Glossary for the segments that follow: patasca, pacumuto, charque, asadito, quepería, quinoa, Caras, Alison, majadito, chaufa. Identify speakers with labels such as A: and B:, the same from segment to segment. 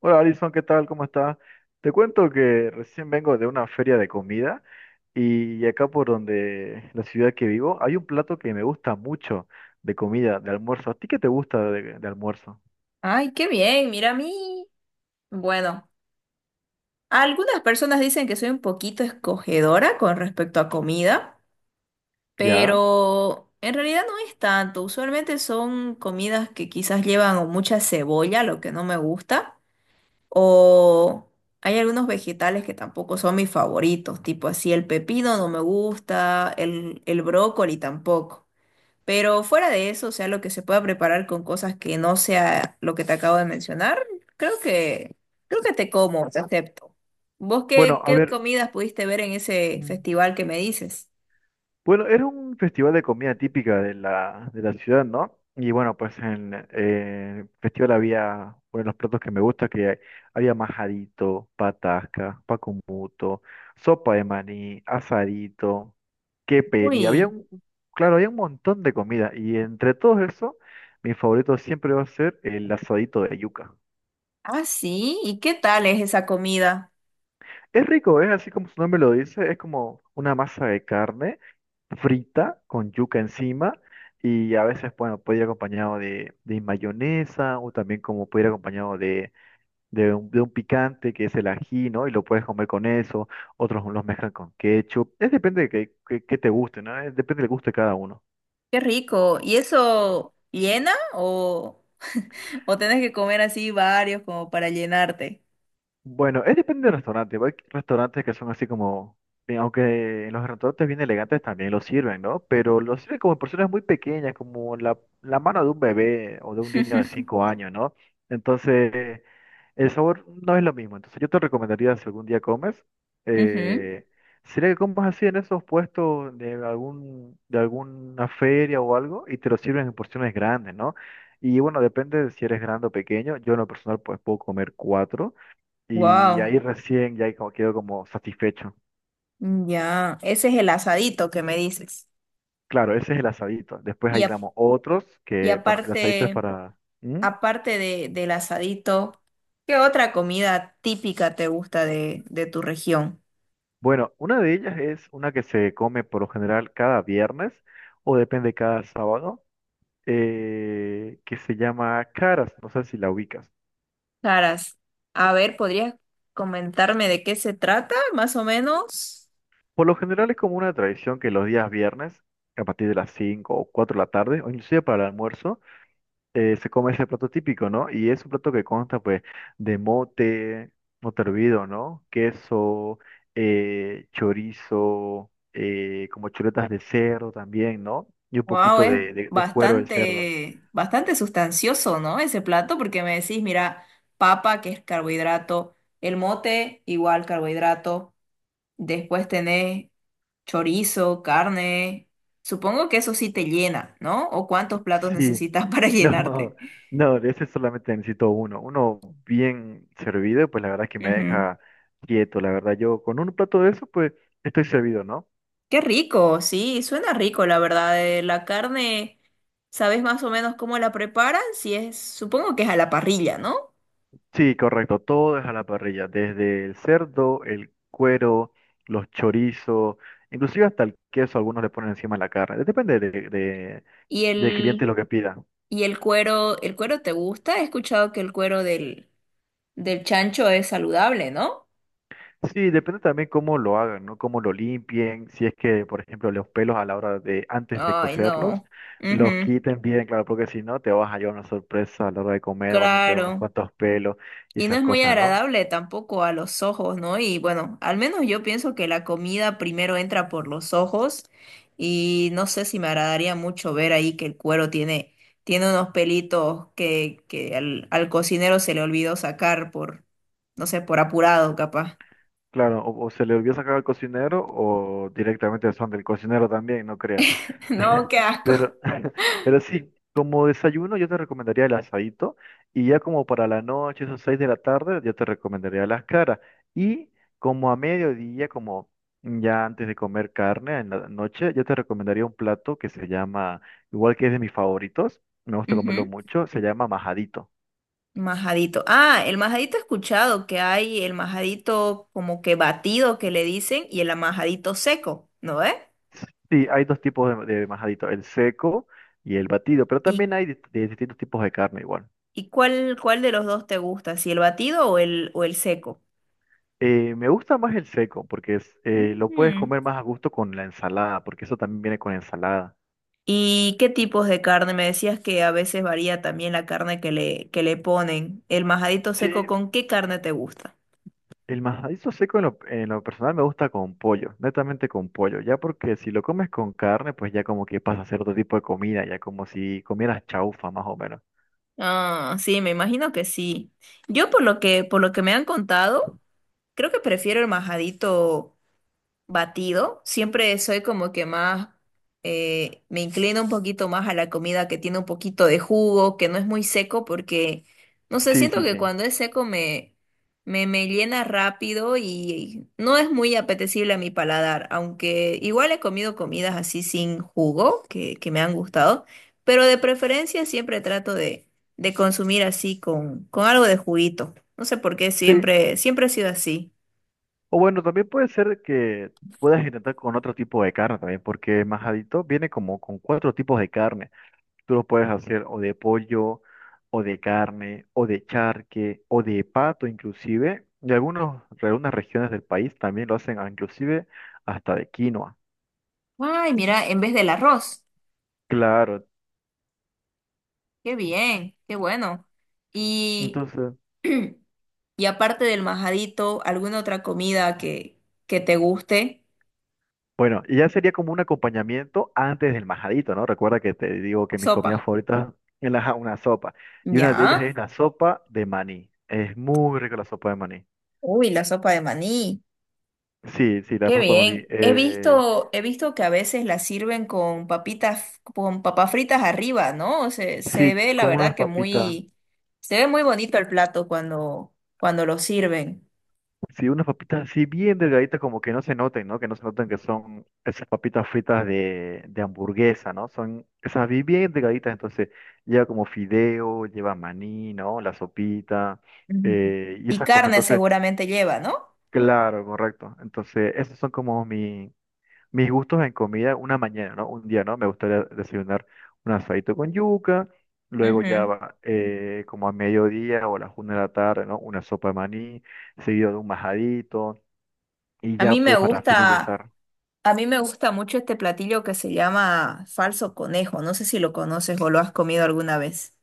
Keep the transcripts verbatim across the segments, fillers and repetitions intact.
A: Hola Alison, ¿qué tal? ¿Cómo estás? Te cuento que recién vengo de una feria de comida y acá por donde la ciudad que vivo hay un plato que me gusta mucho de comida, de almuerzo. ¿A ti qué te gusta de, de almuerzo?
B: Ay, qué bien, mira a mí. Bueno, algunas personas dicen que soy un poquito escogedora con respecto a comida,
A: ¿Ya?
B: pero en realidad no es tanto. Usualmente son comidas que quizás llevan o mucha cebolla, lo que no me gusta, o hay algunos vegetales que tampoco son mis favoritos, tipo así el pepino no me gusta, el, el brócoli tampoco. Pero fuera de eso, o sea, lo que se pueda preparar con cosas que no sea lo que te acabo de mencionar, creo que, creo que te como, te acepto. ¿Vos
A: Bueno,
B: qué,
A: a
B: qué
A: ver.
B: comidas pudiste ver en ese
A: mm,
B: festival que me dices?
A: Bueno, era un festival de comida típica de la, de la ciudad, ¿no? Y bueno, pues en eh, el festival había uno de los platos que me gusta, que había majadito, patasca, pacumuto, sopa de maní, asadito, quepería. Había
B: Uy,
A: un, claro, había un montón de comida. Y entre todos eso, mi favorito siempre va a ser el asadito de yuca.
B: ah, sí, ¿y qué tal es esa comida?
A: Es rico, es así como su nombre lo dice, es como una masa de carne frita con yuca encima y a veces, bueno, puede ir acompañado de, de mayonesa o también como puede ir acompañado de, de un, de un picante que es el ají, ¿no? Y lo puedes comer con eso, otros los mezclan con ketchup, es depende de que, que- que te guste, ¿no? Es depende del gusto de cada uno.
B: Qué rico. ¿Y eso llena o, o tenés que comer así varios como para llenarte?
A: Bueno, es depende del restaurante, porque hay restaurantes que son así como... eh, Aunque en los restaurantes bien elegantes también lo sirven, ¿no? Pero lo sirven como en porciones muy pequeñas, como la, la mano de un bebé o de un niño de cinco años, ¿no? Entonces, el sabor no es lo mismo, entonces yo te recomendaría si algún día comes, eh, sería que comas así en esos puestos de algún, de alguna feria o algo y te lo sirven en porciones grandes, ¿no? Y bueno, depende de si eres grande o pequeño, yo en lo personal pues puedo comer cuatro y
B: Wow,
A: ahí recién ya como- quedo como satisfecho.
B: ya, ese es el asadito que me dices.
A: Claro, ese es el asadito, después hay
B: Y, a-
A: digamos otros
B: y
A: que, bueno, el asadito es
B: aparte...
A: para... ¿Mm?
B: aparte de, del asadito, ¿qué otra comida típica te gusta de, de tu región?
A: Bueno, una de ellas es una que se come por lo general cada viernes o depende cada sábado eh, que se llama Caras, no sé si la ubicas.
B: Caras, a ver, ¿podrías comentarme de qué se trata, más o menos?
A: Por lo general es como una tradición que los días viernes, a partir de las cinco o cuatro de la tarde, o inclusive para el almuerzo, eh, se come ese plato típico, ¿no? Y es un plato que consta pues de mote, mote hervido, ¿no? Queso, eh, chorizo, eh, como chuletas de cerdo también, ¿no? Y un
B: Wow,
A: poquito
B: es
A: de, de de cuero del cerdo.
B: bastante, bastante sustancioso, ¿no? Ese plato, porque me decís, mira, papa, que es carbohidrato, el mote, igual carbohidrato, después tenés chorizo, carne. Supongo que eso sí te llena, ¿no? ¿O
A: Sí.
B: cuántos platos necesitas para
A: No,
B: llenarte?
A: no, de ese solamente necesito uno. Uno bien servido, pues la verdad es que me
B: Ujú.
A: deja quieto, la verdad. Yo con un plato de eso, pues estoy servido, ¿no?
B: Qué rico, sí, suena rico, la verdad. eh, La carne, ¿sabes más o menos cómo la preparan? Si es, supongo que es a la parrilla, ¿no?
A: Sí, correcto, todo es a la parrilla, desde el cerdo, el cuero, los chorizos, inclusive hasta el queso, algunos le ponen encima de la carne. Depende de, de-
B: Y
A: del cliente
B: el,
A: lo que pida.
B: y el cuero, ¿el cuero te gusta? He escuchado que el cuero del, del chancho es saludable, ¿no?
A: Sí, depende también cómo lo hagan, ¿no? Cómo lo limpien, si es que, por ejemplo, los pelos a la hora de, antes de
B: Ay,
A: cocerlos,
B: no.
A: los
B: Ujú.
A: quiten bien, claro, porque si no, te vas a llevar una sorpresa a la hora de comer, van a tener unos
B: Claro.
A: cuantos pelos y
B: Y no
A: esas
B: es muy
A: cosas, ¿no?
B: agradable tampoco a los ojos, ¿no? Y bueno, al menos yo pienso que la comida primero entra por los ojos y no sé si me agradaría mucho ver ahí que el cuero tiene, tiene unos pelitos que, que al, al cocinero se le olvidó sacar por, no sé, por apurado capaz.
A: Claro, o, o se le olvidó sacar al cocinero o directamente son del cocinero también, no creas.
B: No, qué asco.
A: Pero, pero sí, como desayuno yo te recomendaría el asadito y ya como para la noche, esas seis de la tarde, yo te recomendaría las caras. Y como a mediodía, como ya antes de comer carne en la noche, yo te recomendaría un plato que se llama, igual que es de mis favoritos, me gusta comerlo
B: Ujú.
A: mucho, se llama majadito.
B: Majadito. Ah, el majadito he escuchado que hay el majadito como que batido que le dicen y el majadito seco, ¿no es?
A: Sí, hay dos tipos de, de majadito, el seco y el batido, pero
B: y
A: también hay dist- de distintos tipos de carne igual.
B: ¿Y cuál, cuál de los dos te gusta? ¿Si el batido o el, o el seco?
A: Eh, me gusta más el seco porque es, eh, lo puedes
B: Mm.
A: comer más a gusto con la ensalada, porque eso también viene con ensalada.
B: ¿Y qué tipos de carne? Me decías que a veces varía también la carne que le, que le ponen. ¿El majadito
A: Sí,
B: seco con qué carne te gusta?
A: el majadito seco en lo, en lo personal me gusta con pollo, netamente con pollo, ya porque si lo comes con carne, pues ya como que pasa a ser otro tipo de comida, ya como si comieras chaufa más o menos.
B: Ah, sí, me imagino que sí. Yo por lo que, por lo que me han contado, creo que prefiero el majadito batido. Siempre soy como que más, eh, me inclino un poquito más a la comida que tiene un poquito de jugo, que no es muy seco, porque, no sé,
A: Sí,
B: siento
A: sí,
B: que
A: sí.
B: cuando es seco me, me, me llena rápido y no es muy apetecible a mi paladar, aunque igual he comido comidas así sin jugo, que, que me han gustado, pero de preferencia siempre trato de, de consumir así con, con algo de juguito. No sé por qué
A: Sí,
B: siempre, siempre ha sido así.
A: o bueno, también puede ser que puedas intentar con otro tipo de carne también, porque majadito viene como con cuatro tipos de carne. Tú lo puedes hacer o de pollo, o de carne, o de charque, o de pato inclusive. Y algunos, algunas regiones del país también lo hacen ah, inclusive hasta de quinoa.
B: Ay, mira, en vez del arroz.
A: Claro.
B: Qué bien, qué bueno. Y,
A: Entonces,
B: y aparte del majadito, ¿alguna otra comida que, que te guste?
A: bueno, y ya sería como un acompañamiento antes del majadito, ¿no? Recuerda que te digo que mis comidas
B: Sopa.
A: favoritas es la, una sopa. Y una de ellas
B: ¿Ya?
A: es la sopa de maní. Es muy rica la sopa de maní.
B: Uy, la sopa de maní.
A: Sí, sí, la
B: Qué
A: sopa de maní.
B: bien. He
A: Eh,
B: visto, he visto que a veces la sirven con papitas, con papas fritas arriba, ¿no? Se, se
A: sí,
B: ve, la
A: con
B: verdad,
A: unas
B: que
A: papitas.
B: muy, se ve muy bonito el plato cuando, cuando lo sirven.
A: Sí, unas papitas así bien delgaditas, como que no se noten, ¿no? Que no se noten que son esas papitas fritas de, de hamburguesa, ¿no? Son esas bi- bien delgaditas, entonces lleva como fideo, lleva maní, ¿no? La sopita
B: Ujú.
A: eh, y
B: Y
A: esas cosas.
B: carne
A: Entonces.
B: seguramente lleva, ¿no?
A: Claro, correcto. Entonces, esos son como mi, mis gustos en comida una mañana, ¿no? Un día, ¿no? Me gustaría desayunar un asadito con yuca, luego ya
B: Ujú.
A: va eh, como a mediodía o a las una de la tarde, ¿no? Una sopa de maní, seguido de un majadito, y
B: A
A: ya
B: mí me
A: pues para
B: gusta.
A: finalizar.
B: A mí me gusta mucho este platillo que se llama falso conejo. No sé si lo conoces o lo has comido alguna vez.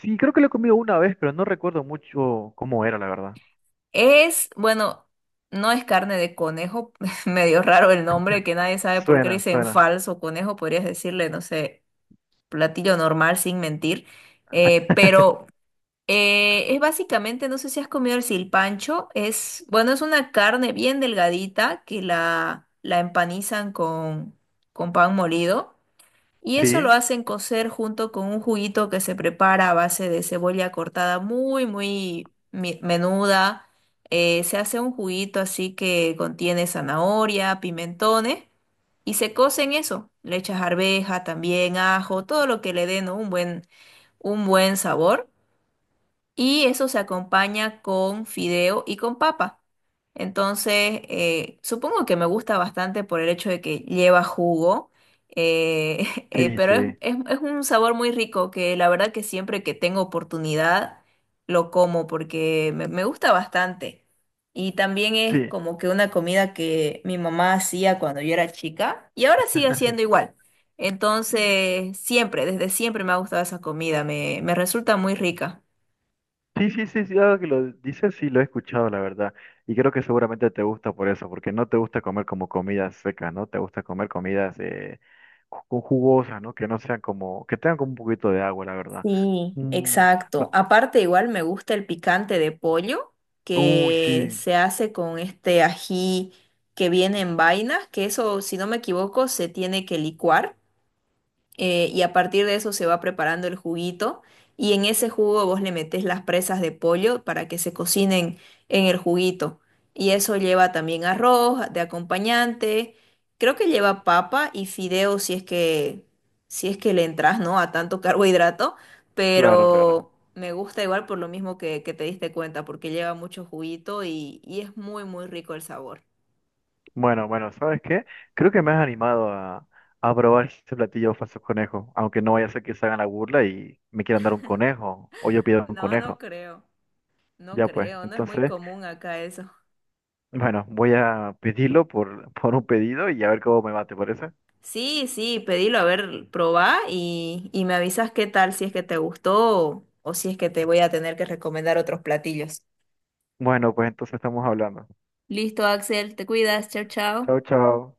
A: Sí, creo que lo he comido una vez, pero no recuerdo mucho cómo era, la verdad.
B: Es, bueno, no es carne de conejo, medio raro el nombre, que nadie sabe por qué le
A: Suena,
B: dicen
A: suena.
B: falso conejo. Podrías decirle, no sé, platillo normal sin mentir. Eh, pero eh, es básicamente, no sé si has comido el silpancho. Es, bueno, es una carne bien delgadita que la, la empanizan con, con pan molido. Y eso lo
A: Sí,
B: hacen cocer junto con un juguito que se prepara a base de cebolla cortada muy, muy mi- menuda. Eh, se hace un juguito así que contiene zanahoria, pimentones y se cose en eso. Le echas arveja, también ajo, todo lo que le dé, ¿no? un buen, un buen sabor. Y eso se acompaña con fideo y con papa. Entonces, eh, supongo que me gusta bastante por el hecho de que lleva jugo, eh, eh,
A: sí,
B: pero es,
A: sí,
B: es- es un sabor muy rico que la verdad que siempre que tengo oportunidad lo como porque me, me gusta bastante. Y también es
A: sí.
B: como que una comida que mi mamá hacía cuando yo era chica y ahora sigue haciendo igual. Entonces, siempre, desde siempre me ha gustado esa comida, me, me resulta muy rica.
A: Sí, sí, sí, sí, ahora que lo dices, sí, lo he escuchado, la verdad. Y creo que seguramente te gusta por eso, porque no te gusta comer como comidas secas, ¿no? Te gusta comer comidas eh, ju- ju- jugosas, ¿no? Que no sean como, que tengan como un poquito de agua, la verdad.
B: Sí,
A: Mm, ma-
B: exacto. Aparte, igual me gusta el picante de pollo
A: uy,
B: que
A: sí,
B: se hace con este ají que viene en vainas, que eso, si no me equivoco, se tiene que licuar eh, y a partir de eso se va preparando el juguito y en ese jugo vos le metés las presas de pollo para que se cocinen en el juguito. Y eso lleva también arroz de acompañante, creo que lleva papa y fideo si es que, si es que le entras, ¿no? A tanto carbohidrato,
A: claro, claro.
B: pero me gusta igual por lo mismo que, que te diste cuenta, porque lleva mucho juguito y, y es muy, muy rico el sabor.
A: Bueno, bueno, ¿sabes qué? Creo que me has animado a, a probar este platillo falso conejo, aunque no vaya a ser que se hagan la burla y me quieran dar un conejo, o yo pido un
B: No, no
A: conejo.
B: creo, no
A: Ya pues,
B: creo, no es muy
A: entonces...
B: común acá eso.
A: Bueno, voy a pedirlo por, por un pedido y a ver cómo me va, ¿te parece?
B: Sí, sí, pedilo, a ver, probá y, y me avisas qué tal, si es que te gustó o, o si es que te voy a tener que recomendar otros platillos.
A: Bueno, pues entonces estamos hablando.
B: Listo, Axel, te cuidas, chao, chao.
A: Chao, chao.